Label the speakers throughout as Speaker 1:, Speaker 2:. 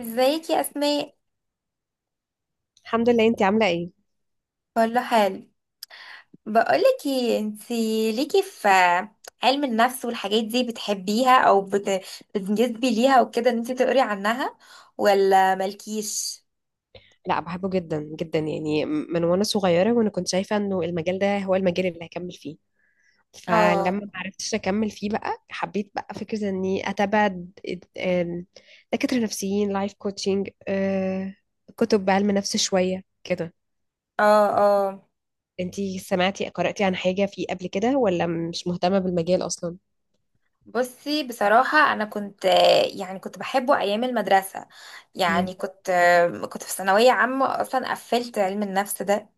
Speaker 1: ازيك يا اسماء؟
Speaker 2: الحمد لله، انتي عاملة ايه؟
Speaker 1: كله حال. بقولك ايه، انتي ليكي في علم النفس والحاجات دي، بتحبيها او بتنجذبي ليها وكده، ان انتي تقري عنها، ولا مالكيش؟
Speaker 2: لا، بحبه جدا جدا، يعني من وانا صغيرة وانا كنت شايفة انه المجال ده هو المجال اللي هكمل فيه. فلما
Speaker 1: اه،
Speaker 2: ما عرفتش اكمل فيه بقى حبيت بقى فكرة اني اتابع د- ام، دكاترة نفسيين لايف كوتشنج، كتب بعلم نفس شوية كده.
Speaker 1: اه، اه.
Speaker 2: انتي سمعتي قرأتي عن حاجة فيه قبل كده ولا مش مهتمة بالمجال اصلا؟
Speaker 1: بصي، بصراحة انا كنت، يعني كنت بحبه ايام المدرسة،
Speaker 2: مم.
Speaker 1: يعني كنت في ثانوية عامة، اصلا قفلت علم النفس ده.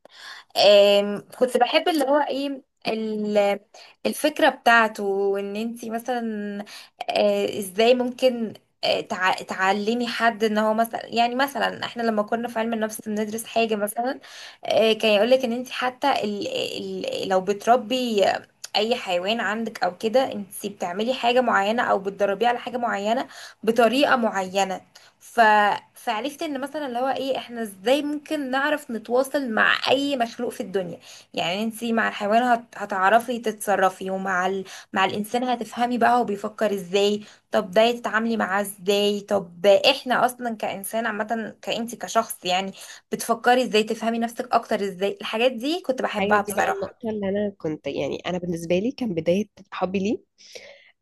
Speaker 1: كنت بحب اللي هو ايه، ال- الفكرة بتاعته، وان انتي مثلا ازاي ممكن تعلمي حد، ان هو مثلا، يعني مثلا احنا لما كنا في علم النفس بندرس حاجة مثلا، كان يقولك ان انتي حتى ال لو بتربي اي حيوان عندك او كده، انتي بتعملي حاجة معينة او بتدربيه على حاجة معينة بطريقة معينة. ف... فعرفت ان مثلا اللي هو ايه، احنا ازاي ممكن نعرف نتواصل مع اي مخلوق في الدنيا. يعني انتي مع الحيوان هتعرفي تتصرفي، ومع مع الانسان هتفهمي بقى هو بيفكر ازاي، طب ده تتعاملي معاه ازاي، طب احنا اصلا كانسان عامة، كانتي كشخص يعني، بتفكري ازاي تفهمي نفسك اكتر، ازاي الحاجات دي كنت
Speaker 2: هي
Speaker 1: بحبها
Speaker 2: دي بقى
Speaker 1: بصراحة.
Speaker 2: النقطة اللي انا كنت، يعني انا بالنسبة لي كان بداية حبي ليه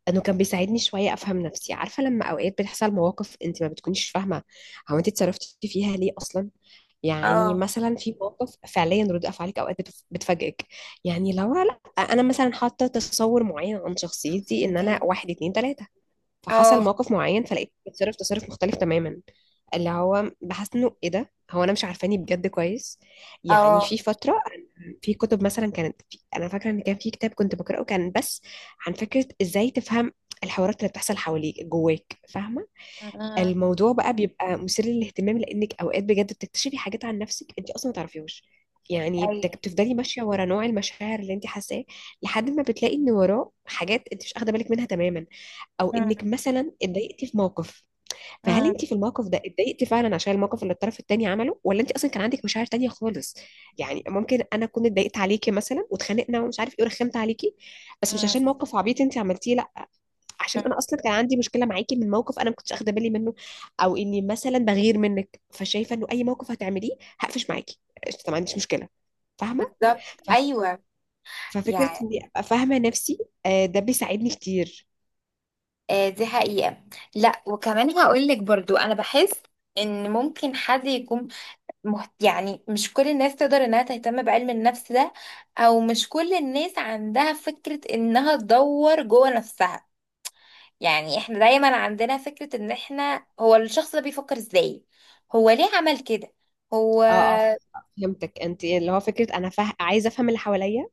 Speaker 2: انه كان بيساعدني شويه افهم نفسي. عارفه، لما اوقات بتحصل مواقف انت ما بتكونيش فاهمه هو انت اتصرفتي فيها ليه اصلا. يعني
Speaker 1: اه.
Speaker 2: مثلا في مواقف فعليا رد افعالك اوقات بتفاجئك. يعني لو لا، انا مثلا حاطه تصور معين عن شخصيتي ان
Speaker 1: انتي.
Speaker 2: انا واحد اتنين تلاته، فحصل
Speaker 1: اه،
Speaker 2: موقف معين فلقيت بتصرف تصرف مختلف تماما اللي هو بحس انه ايه ده، هو انا مش عارفاني بجد كويس. يعني
Speaker 1: اه.
Speaker 2: في فتره، في كتب مثلا كانت، في انا فاكره ان كان في كتاب كنت بقراه كان بس عن فكره ازاي تفهم الحوارات اللي بتحصل حواليك جواك، فاهمه.
Speaker 1: أمم،
Speaker 2: الموضوع بقى بيبقى مثير للاهتمام لانك اوقات بجد بتكتشفي حاجات عن نفسك انت اصلا ما تعرفيهوش. يعني
Speaker 1: ايوه.
Speaker 2: بتفضلي ماشيه ورا نوع المشاعر اللي انت حاساه لحد ما بتلاقي ان وراه حاجات انت مش واخده بالك منها تماما. او انك
Speaker 1: أمم.
Speaker 2: مثلا اتضايقتي في موقف، فهل
Speaker 1: أمم.
Speaker 2: انت في الموقف ده اتضايقتي فعلا عشان الموقف اللي الطرف التاني عمله ولا انت اصلا كان عندك مشاعر تانية خالص. يعني ممكن انا اكون اتضايقت عليكي مثلا واتخانقنا ومش عارف ايه ورخمت عليكي، بس مش
Speaker 1: أمم.
Speaker 2: عشان موقف عبيط انت عملتيه، لا، عشان انا اصلا كان عندي مشكله معاكي من موقف انا ما كنتش اخده بالي منه. او اني مثلا بغير منك فشايفه انه اي موقف هتعمليه هقفش معاكي. قشطة، ما عنديش مشكله. فاهمه.
Speaker 1: بالظبط،
Speaker 2: ف-
Speaker 1: ايوه،
Speaker 2: ففكره
Speaker 1: يعني.
Speaker 2: اني ابقى فاهمه نفسي، ده بيساعدني كتير.
Speaker 1: دي حقيقة. لا، وكمان هقولك برضو انا بحس ان ممكن حد يكون، يعني مش كل الناس تقدر انها تهتم بعلم النفس ده، او مش كل الناس عندها فكرة انها تدور جوه نفسها. يعني احنا دايما عندنا فكرة ان احنا، هو الشخص ده بيفكر ازاي، هو ليه عمل كده، هو.
Speaker 2: اه اه، فهمتك. انت اللي هو فكره انا عايزه افهم اللي حواليا،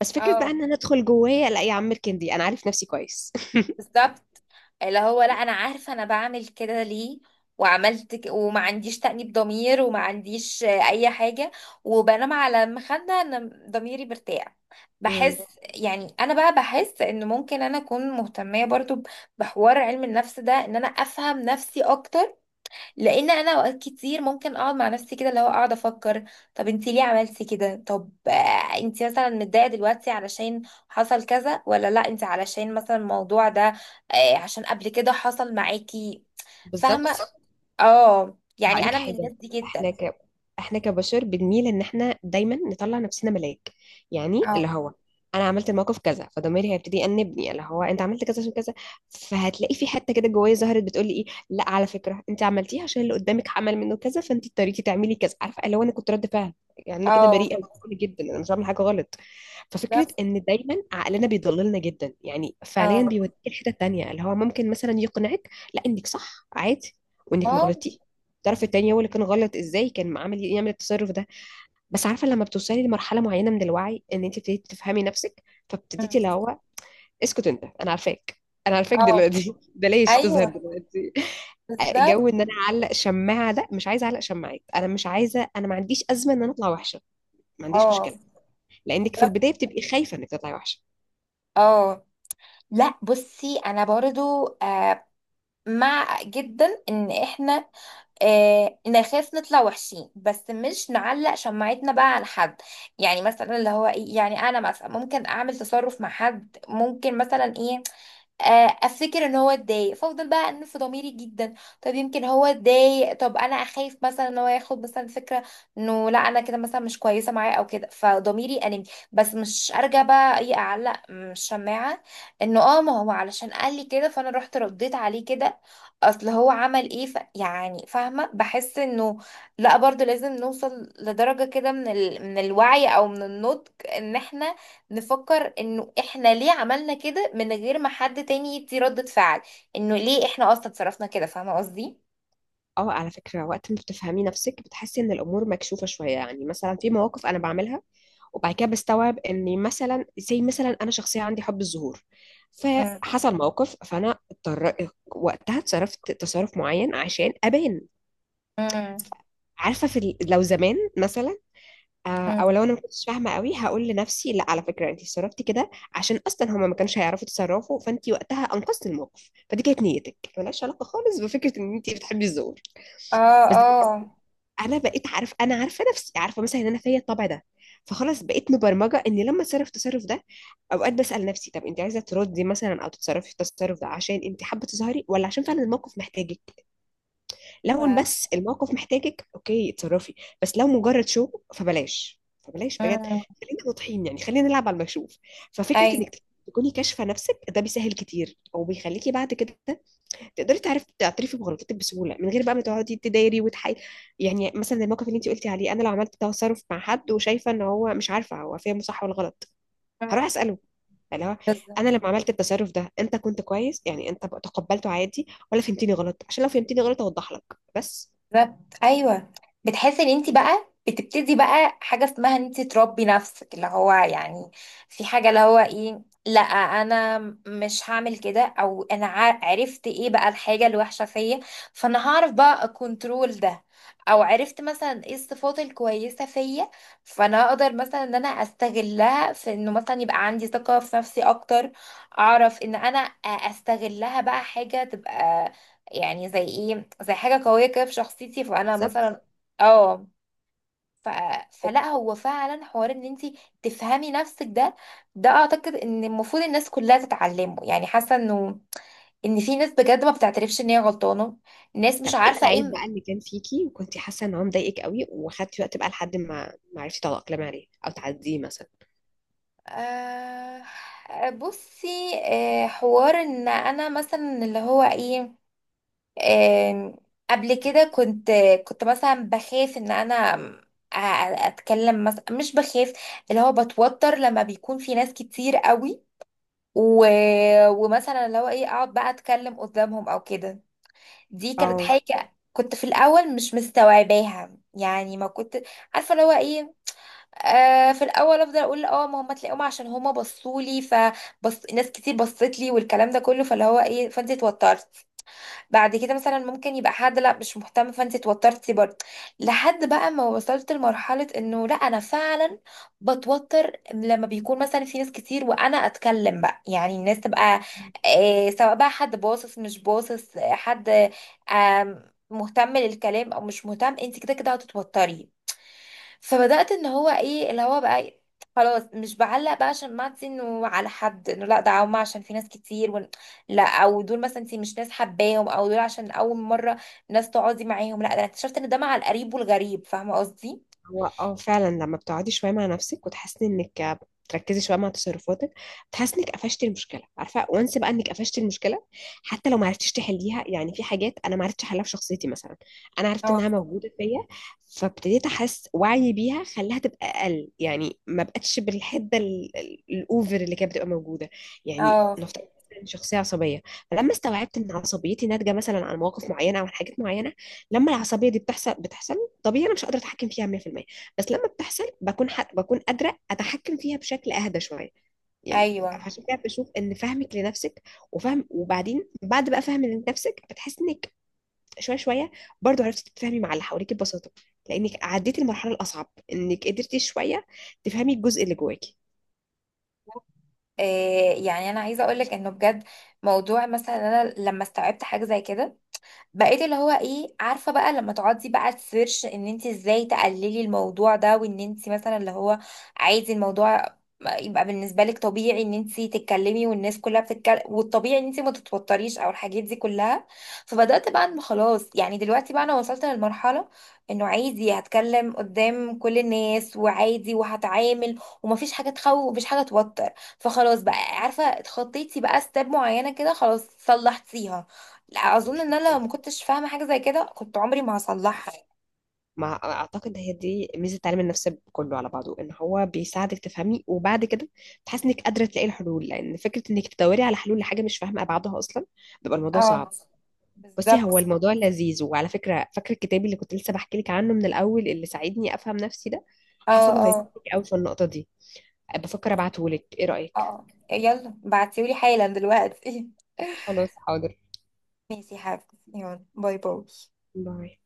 Speaker 2: بس فكره بقى
Speaker 1: اه.
Speaker 2: ان انا ادخل جوايا، لا يا عم اركن دي انا عارف نفسي كويس
Speaker 1: بالظبط. اللي هو لا، انا عارفه انا بعمل كده ليه، وما عنديش تأنيب ضمير، وما عنديش اي حاجه، وبنام على المخده ان ضميري مرتاح.
Speaker 2: امم،
Speaker 1: بحس، يعني انا بقى بحس ان ممكن انا اكون مهتميه برضو بحوار علم النفس ده، ان انا افهم نفسي اكتر. لان انا اوقات كتير ممكن اقعد مع نفسي كده، اللي هو اقعد افكر، طب انت ليه عملتي كده، طب انت مثلا متضايقه دلوقتي علشان حصل كذا، ولا لا، انت علشان مثلا الموضوع ده عشان قبل كده حصل معاكي. فاهمه
Speaker 2: بالظبط.
Speaker 1: بالظبط. اه، يعني
Speaker 2: هقولك
Speaker 1: انا من
Speaker 2: حاجة،
Speaker 1: الناس دي جدا.
Speaker 2: احنا احنا كبشر بنميل ان احنا دايما نطلع نفسنا ملاك. يعني
Speaker 1: اه.
Speaker 2: اللي هو انا عملت الموقف كذا فضميري هيبتدي يأنبني اللي هو انت عملت كذا عشان كذا، فهتلاقي في حتة كده جوايا ظهرت بتقولي ايه، لا على فكرة انت عملتيها عشان اللي قدامك عمل منه كذا فانت اضطريتي تعملي كذا. عارفة اللي هو انا كنت رد فعل، يعني انا كده
Speaker 1: اه.
Speaker 2: بريئة جدا، انا مش بعمل حاجة غلط. ففكرة
Speaker 1: بالظبط.
Speaker 2: ان دايما عقلنا بيضللنا جدا، يعني فعليا
Speaker 1: اه.
Speaker 2: بيوديك الحتة التانية اللي هو ممكن مثلا يقنعك لا انك صح عادي، وانك
Speaker 1: اه.
Speaker 2: مغلطتي، الطرف التاني هو اللي كان غلط، ازاي كان عامل إيه؟ يعمل التصرف ده. بس عارفه لما بتوصلي لمرحله معينه من الوعي ان انت ابتديتي تفهمي نفسك
Speaker 1: مم.
Speaker 2: فابتديتي اللي هو اسكت انت انا عارفاك، انا عارفاك
Speaker 1: اه.
Speaker 2: دلوقتي بلاش تظهر
Speaker 1: ايوه.
Speaker 2: دلوقتي.
Speaker 1: بالظبط.
Speaker 2: جو ان انا اعلق شماعه، ده مش عايزه اعلق شماعات، انا مش عايزه، انا ما عنديش ازمه ان انا اطلع وحشه، ما عنديش
Speaker 1: اه.
Speaker 2: مشكله. لانك في
Speaker 1: بالظبط.
Speaker 2: البدايه بتبقي خايفه انك تطلعي وحشه.
Speaker 1: اه. لا، بصي، انا برضو مع جدا ان احنا نخاف نطلع وحشين، بس مش نعلق شماعتنا بقى على حد. يعني مثلا اللي هو ايه، يعني انا مثلا ممكن اعمل تصرف مع حد، ممكن مثلا ايه، افتكر ان هو اتضايق، فافضل بقى انف في ضميري جدا، طب يمكن هو اتضايق، طب انا اخاف مثلا ان هو ياخد مثلا فكره انه لا انا كده مثلا مش كويسه معاه او كده، فضميري انمي، بس مش ارجع بقى ايه اعلق من الشماعه، انه اه ما هو علشان قال لي كده، فانا رحت رديت عليه كده، اصل هو عمل ايه، يعني فاهمه. بحس انه لا برضو لازم نوصل لدرجه كده من من الوعي، او من النضج، ان احنا نفكر انه احنا ليه عملنا كده، من غير ما حد تاني يدي ردة فعل، انه ليه احنا اصلا اتصرفنا كده، فاهمة قصدي؟
Speaker 2: اه على فكره، وقت ما بتفهمي نفسك بتحسي ان الامور مكشوفه شويه. يعني مثلا في مواقف انا بعملها وبعد كده بستوعب اني مثلا زي مثلا انا شخصيه عندي حب الظهور،
Speaker 1: مم.
Speaker 2: فحصل موقف فانا اضطر وقتها اتصرفت تصرف معين عشان ابان.
Speaker 1: مم.
Speaker 2: عارفه في لو زمان مثلا، او
Speaker 1: مم.
Speaker 2: لو انا ما كنتش فاهمه قوي هقول لنفسي لا على فكره انت اتصرفتي كده عشان اصلا هما ما كانش هيعرفوا يتصرفوا فانت وقتها انقذتي الموقف، فدي كانت نيتك ملهاش علاقه خالص بفكره ان انت بتحبي الظهور.
Speaker 1: اه.
Speaker 2: بس
Speaker 1: اه.
Speaker 2: انا بقيت عارف، انا عارفه نفسي، عارفه مثلا ان انا فيا الطبع ده. فخلاص بقيت مبرمجه اني لما اتصرف التصرف ده اوقات بسال نفسي طب انت عايزه تردي مثلا او تتصرفي التصرف ده عشان انت حابه تظهري ولا عشان فعلا الموقف محتاجك. لو إن
Speaker 1: ف-
Speaker 2: بس الموقف محتاجك، اوكي اتصرفي. بس لو مجرد شو، فبلاش فبلاش بجد.
Speaker 1: مم.
Speaker 2: خلينا واضحين، يعني خلينا نلعب على المكشوف. ففكره انك
Speaker 1: ايوه.
Speaker 2: تكوني كاشفه نفسك ده بيسهل كتير، او بيخليكي بعد كده تقدري تعرف تعترفي بغلطتك بسهوله من غير بقى ما تقعدي تدايري وتحاي. يعني مثلا زي الموقف اللي انت قلتي عليه، انا لو عملت تصرف مع حد وشايفه ان هو مش عارفه هو فاهمه صح ولا غلط
Speaker 1: مم.
Speaker 2: هروح اساله اللي هو
Speaker 1: بالظبط.
Speaker 2: انا لما عملت التصرف ده انت كنت كويس، يعني انت بقى تقبلته عادي ولا فهمتني غلط، عشان لو فهمتني غلط اوضح لك. بس
Speaker 1: بالظبط، ايوه. بتحسي ان انت بقى بتبتدي بقى حاجه اسمها ان انت تربي نفسك، اللي هو يعني في حاجه اللي هو ايه، لا انا مش هعمل كده، او انا عرفت ايه بقى الحاجه الوحشه فيا، فانا هعرف بقى اكونترول ده، او عرفت مثلا ايه الصفات الكويسه فيا، فانا هقدر مثلا ان انا استغلها في انه مثلا يبقى عندي ثقه في نفسي اكتر، اعرف ان انا استغلها بقى حاجه تبقى، يعني زي ايه، زي حاجة قوية كده في شخصيتي، فانا
Speaker 2: بالظبط.
Speaker 1: مثلا. اه. ف... فلا، هو فعلا حوار ان انت تفهمي نفسك ده، ده اعتقد ان المفروض الناس كلها تتعلمه، يعني حاسة انه ان في ناس بجد ما بتعترفش ان هي غلطانة، ناس
Speaker 2: طب
Speaker 1: مش
Speaker 2: ايه
Speaker 1: عارفة
Speaker 2: العيب
Speaker 1: ايه.
Speaker 2: بقى اللي كان فيكي وكنتي حاسه ان هو مضايقك قوي وخدتي وقت بقى لحد ما ما عرفتي تتاقلمي عليه او تعديه مثلا.
Speaker 1: آه... بصي، حوار ان انا مثلا اللي هو ايه، آم، قبل كده كنت، كنت مثلا بخاف ان انا أ- اتكلم مثلا، مش بخاف، اللي هو بتوتر لما بيكون في ناس كتير قوي، و... ومثلا اللي هو ايه، اقعد بقى اتكلم قدامهم او كده. دي كانت
Speaker 2: اه،
Speaker 1: حاجة كنت في الاول مش مستوعباها، يعني ما كنت عارفه اللي هو ايه، في الاول افضل اقول اه ما هم تلاقيهم عشان هم بصوا لي، فبص ناس كتير بصت لي والكلام ده كله، فاللي هو ايه فانت اتوترت، بعد كده مثلا ممكن يبقى حد لا مش مهتم، فانت اتوترتي برضه، لحد بقى ما وصلت لمرحلة انه لا انا فعلا بتوتر لما بيكون مثلا في ناس كتير وانا اتكلم بقى، يعني الناس تبقى سواء بقى حد باصص مش باصص، حد مهتم للكلام او مش مهتم، انت كده كده هتتوتري. فبدأت ان هو ايه، اللي هو بقى إيه، خلاص مش بعلق بقى عشان، ما انت انه على حد انه لا ده هما عشان في ناس كتير لا، او دول مثلا انت مش ناس حباهم، او دول عشان اول مرة ناس تقعدي معاهم، لا ده انا اكتشفت ان ده مع القريب والغريب، فاهمة قصدي؟
Speaker 2: هو اه فعلا لما بتقعدي شويه مع نفسك وتحسي انك بتركزي شويه مع تصرفاتك بتحسي انك قفشتي المشكله. عارفه، وانس بقى انك قفشتي المشكله حتى لو ما عرفتيش تحليها. يعني في حاجات انا ما عرفتش احلها في شخصيتي مثلا، انا عرفت
Speaker 1: اه.
Speaker 2: انها موجوده فيا فابتديت احس وعي بيها خلاها تبقى اقل. يعني ما بقتش بالحده الاوفر اللي كانت بتبقى موجوده. يعني
Speaker 1: اه.
Speaker 2: نفترض إن شخصيه عصبيه، فلما استوعبت ان عصبيتي ناتجه مثلا عن مواقف معينه او عن حاجات معينه لما العصبيه دي بتحصل بتحصل طبيعي انا مش قادره اتحكم فيها 100%، بس لما بتحصل بكون حق بكون قادره اتحكم فيها بشكل اهدى شويه. يعني
Speaker 1: ايوه.
Speaker 2: عشان كده بشوف ان فهمك لنفسك وفهم، وبعدين بعد بقى فهم لنفسك بتحس انك شويه شويه برضو عرفتي تتفاهمي مع اللي حواليك ببساطه، لانك عديتي المرحله الاصعب انك قدرتي شويه تفهمي الجزء اللي
Speaker 1: إيه، يعني انا عايزه اقول لك انه بجد، موضوع مثلا انا لما استوعبت حاجه زي كده، بقيت اللي هو ايه عارفه بقى لما تقعدي بقى تسيرش ان انت ازاي تقللي الموضوع ده، وان انت مثلا اللي هو عايزه الموضوع يبقى بالنسبه لك طبيعي ان انت تتكلمي والناس كلها بتتكلم، والطبيعي ان انت ما تتوتريش، او الحاجات دي كلها، فبدات بقى ان خلاص، يعني دلوقتي بقى انا وصلت للمرحله انه عادي هتكلم قدام كل الناس، وعادي وهتعامل، ومفيش حاجه تخوف ومفيش حاجه توتر، فخلاص بقى عارفه اتخطيتي بقى ستيب معينه كده، خلاص صلحتيها. لا، اظن ان انا لو ما
Speaker 2: جواكي.
Speaker 1: كنتش فاهمه حاجه زي كده كنت عمري ما هصلحها.
Speaker 2: ما اعتقد هي دي ميزه التعليم النفسي كله على بعضه، ان هو بيساعدك تفهمي وبعد كده بتحس انك قادره تلاقي الحلول، لان فكره انك تدوري على حلول لحاجه مش فاهمه ابعادها اصلا بيبقى الموضوع
Speaker 1: اه.
Speaker 2: صعب. بصي، هو
Speaker 1: بالظبط.
Speaker 2: الموضوع لذيذ، وعلى فكره فاكره الكتاب اللي كنت لسه بحكي لك عنه من الاول اللي ساعدني افهم نفسي ده
Speaker 1: اه.
Speaker 2: حاسه انه
Speaker 1: اه.
Speaker 2: هيفيدك قوي في النقطه دي. بفكر
Speaker 1: اه.
Speaker 2: ابعته لك، ايه رايك؟
Speaker 1: يلا بعتيولي حالا دلوقتي.
Speaker 2: خلاص حاضر.
Speaker 1: ماشي يا حبيبتي، يلا، باي باي.
Speaker 2: باي.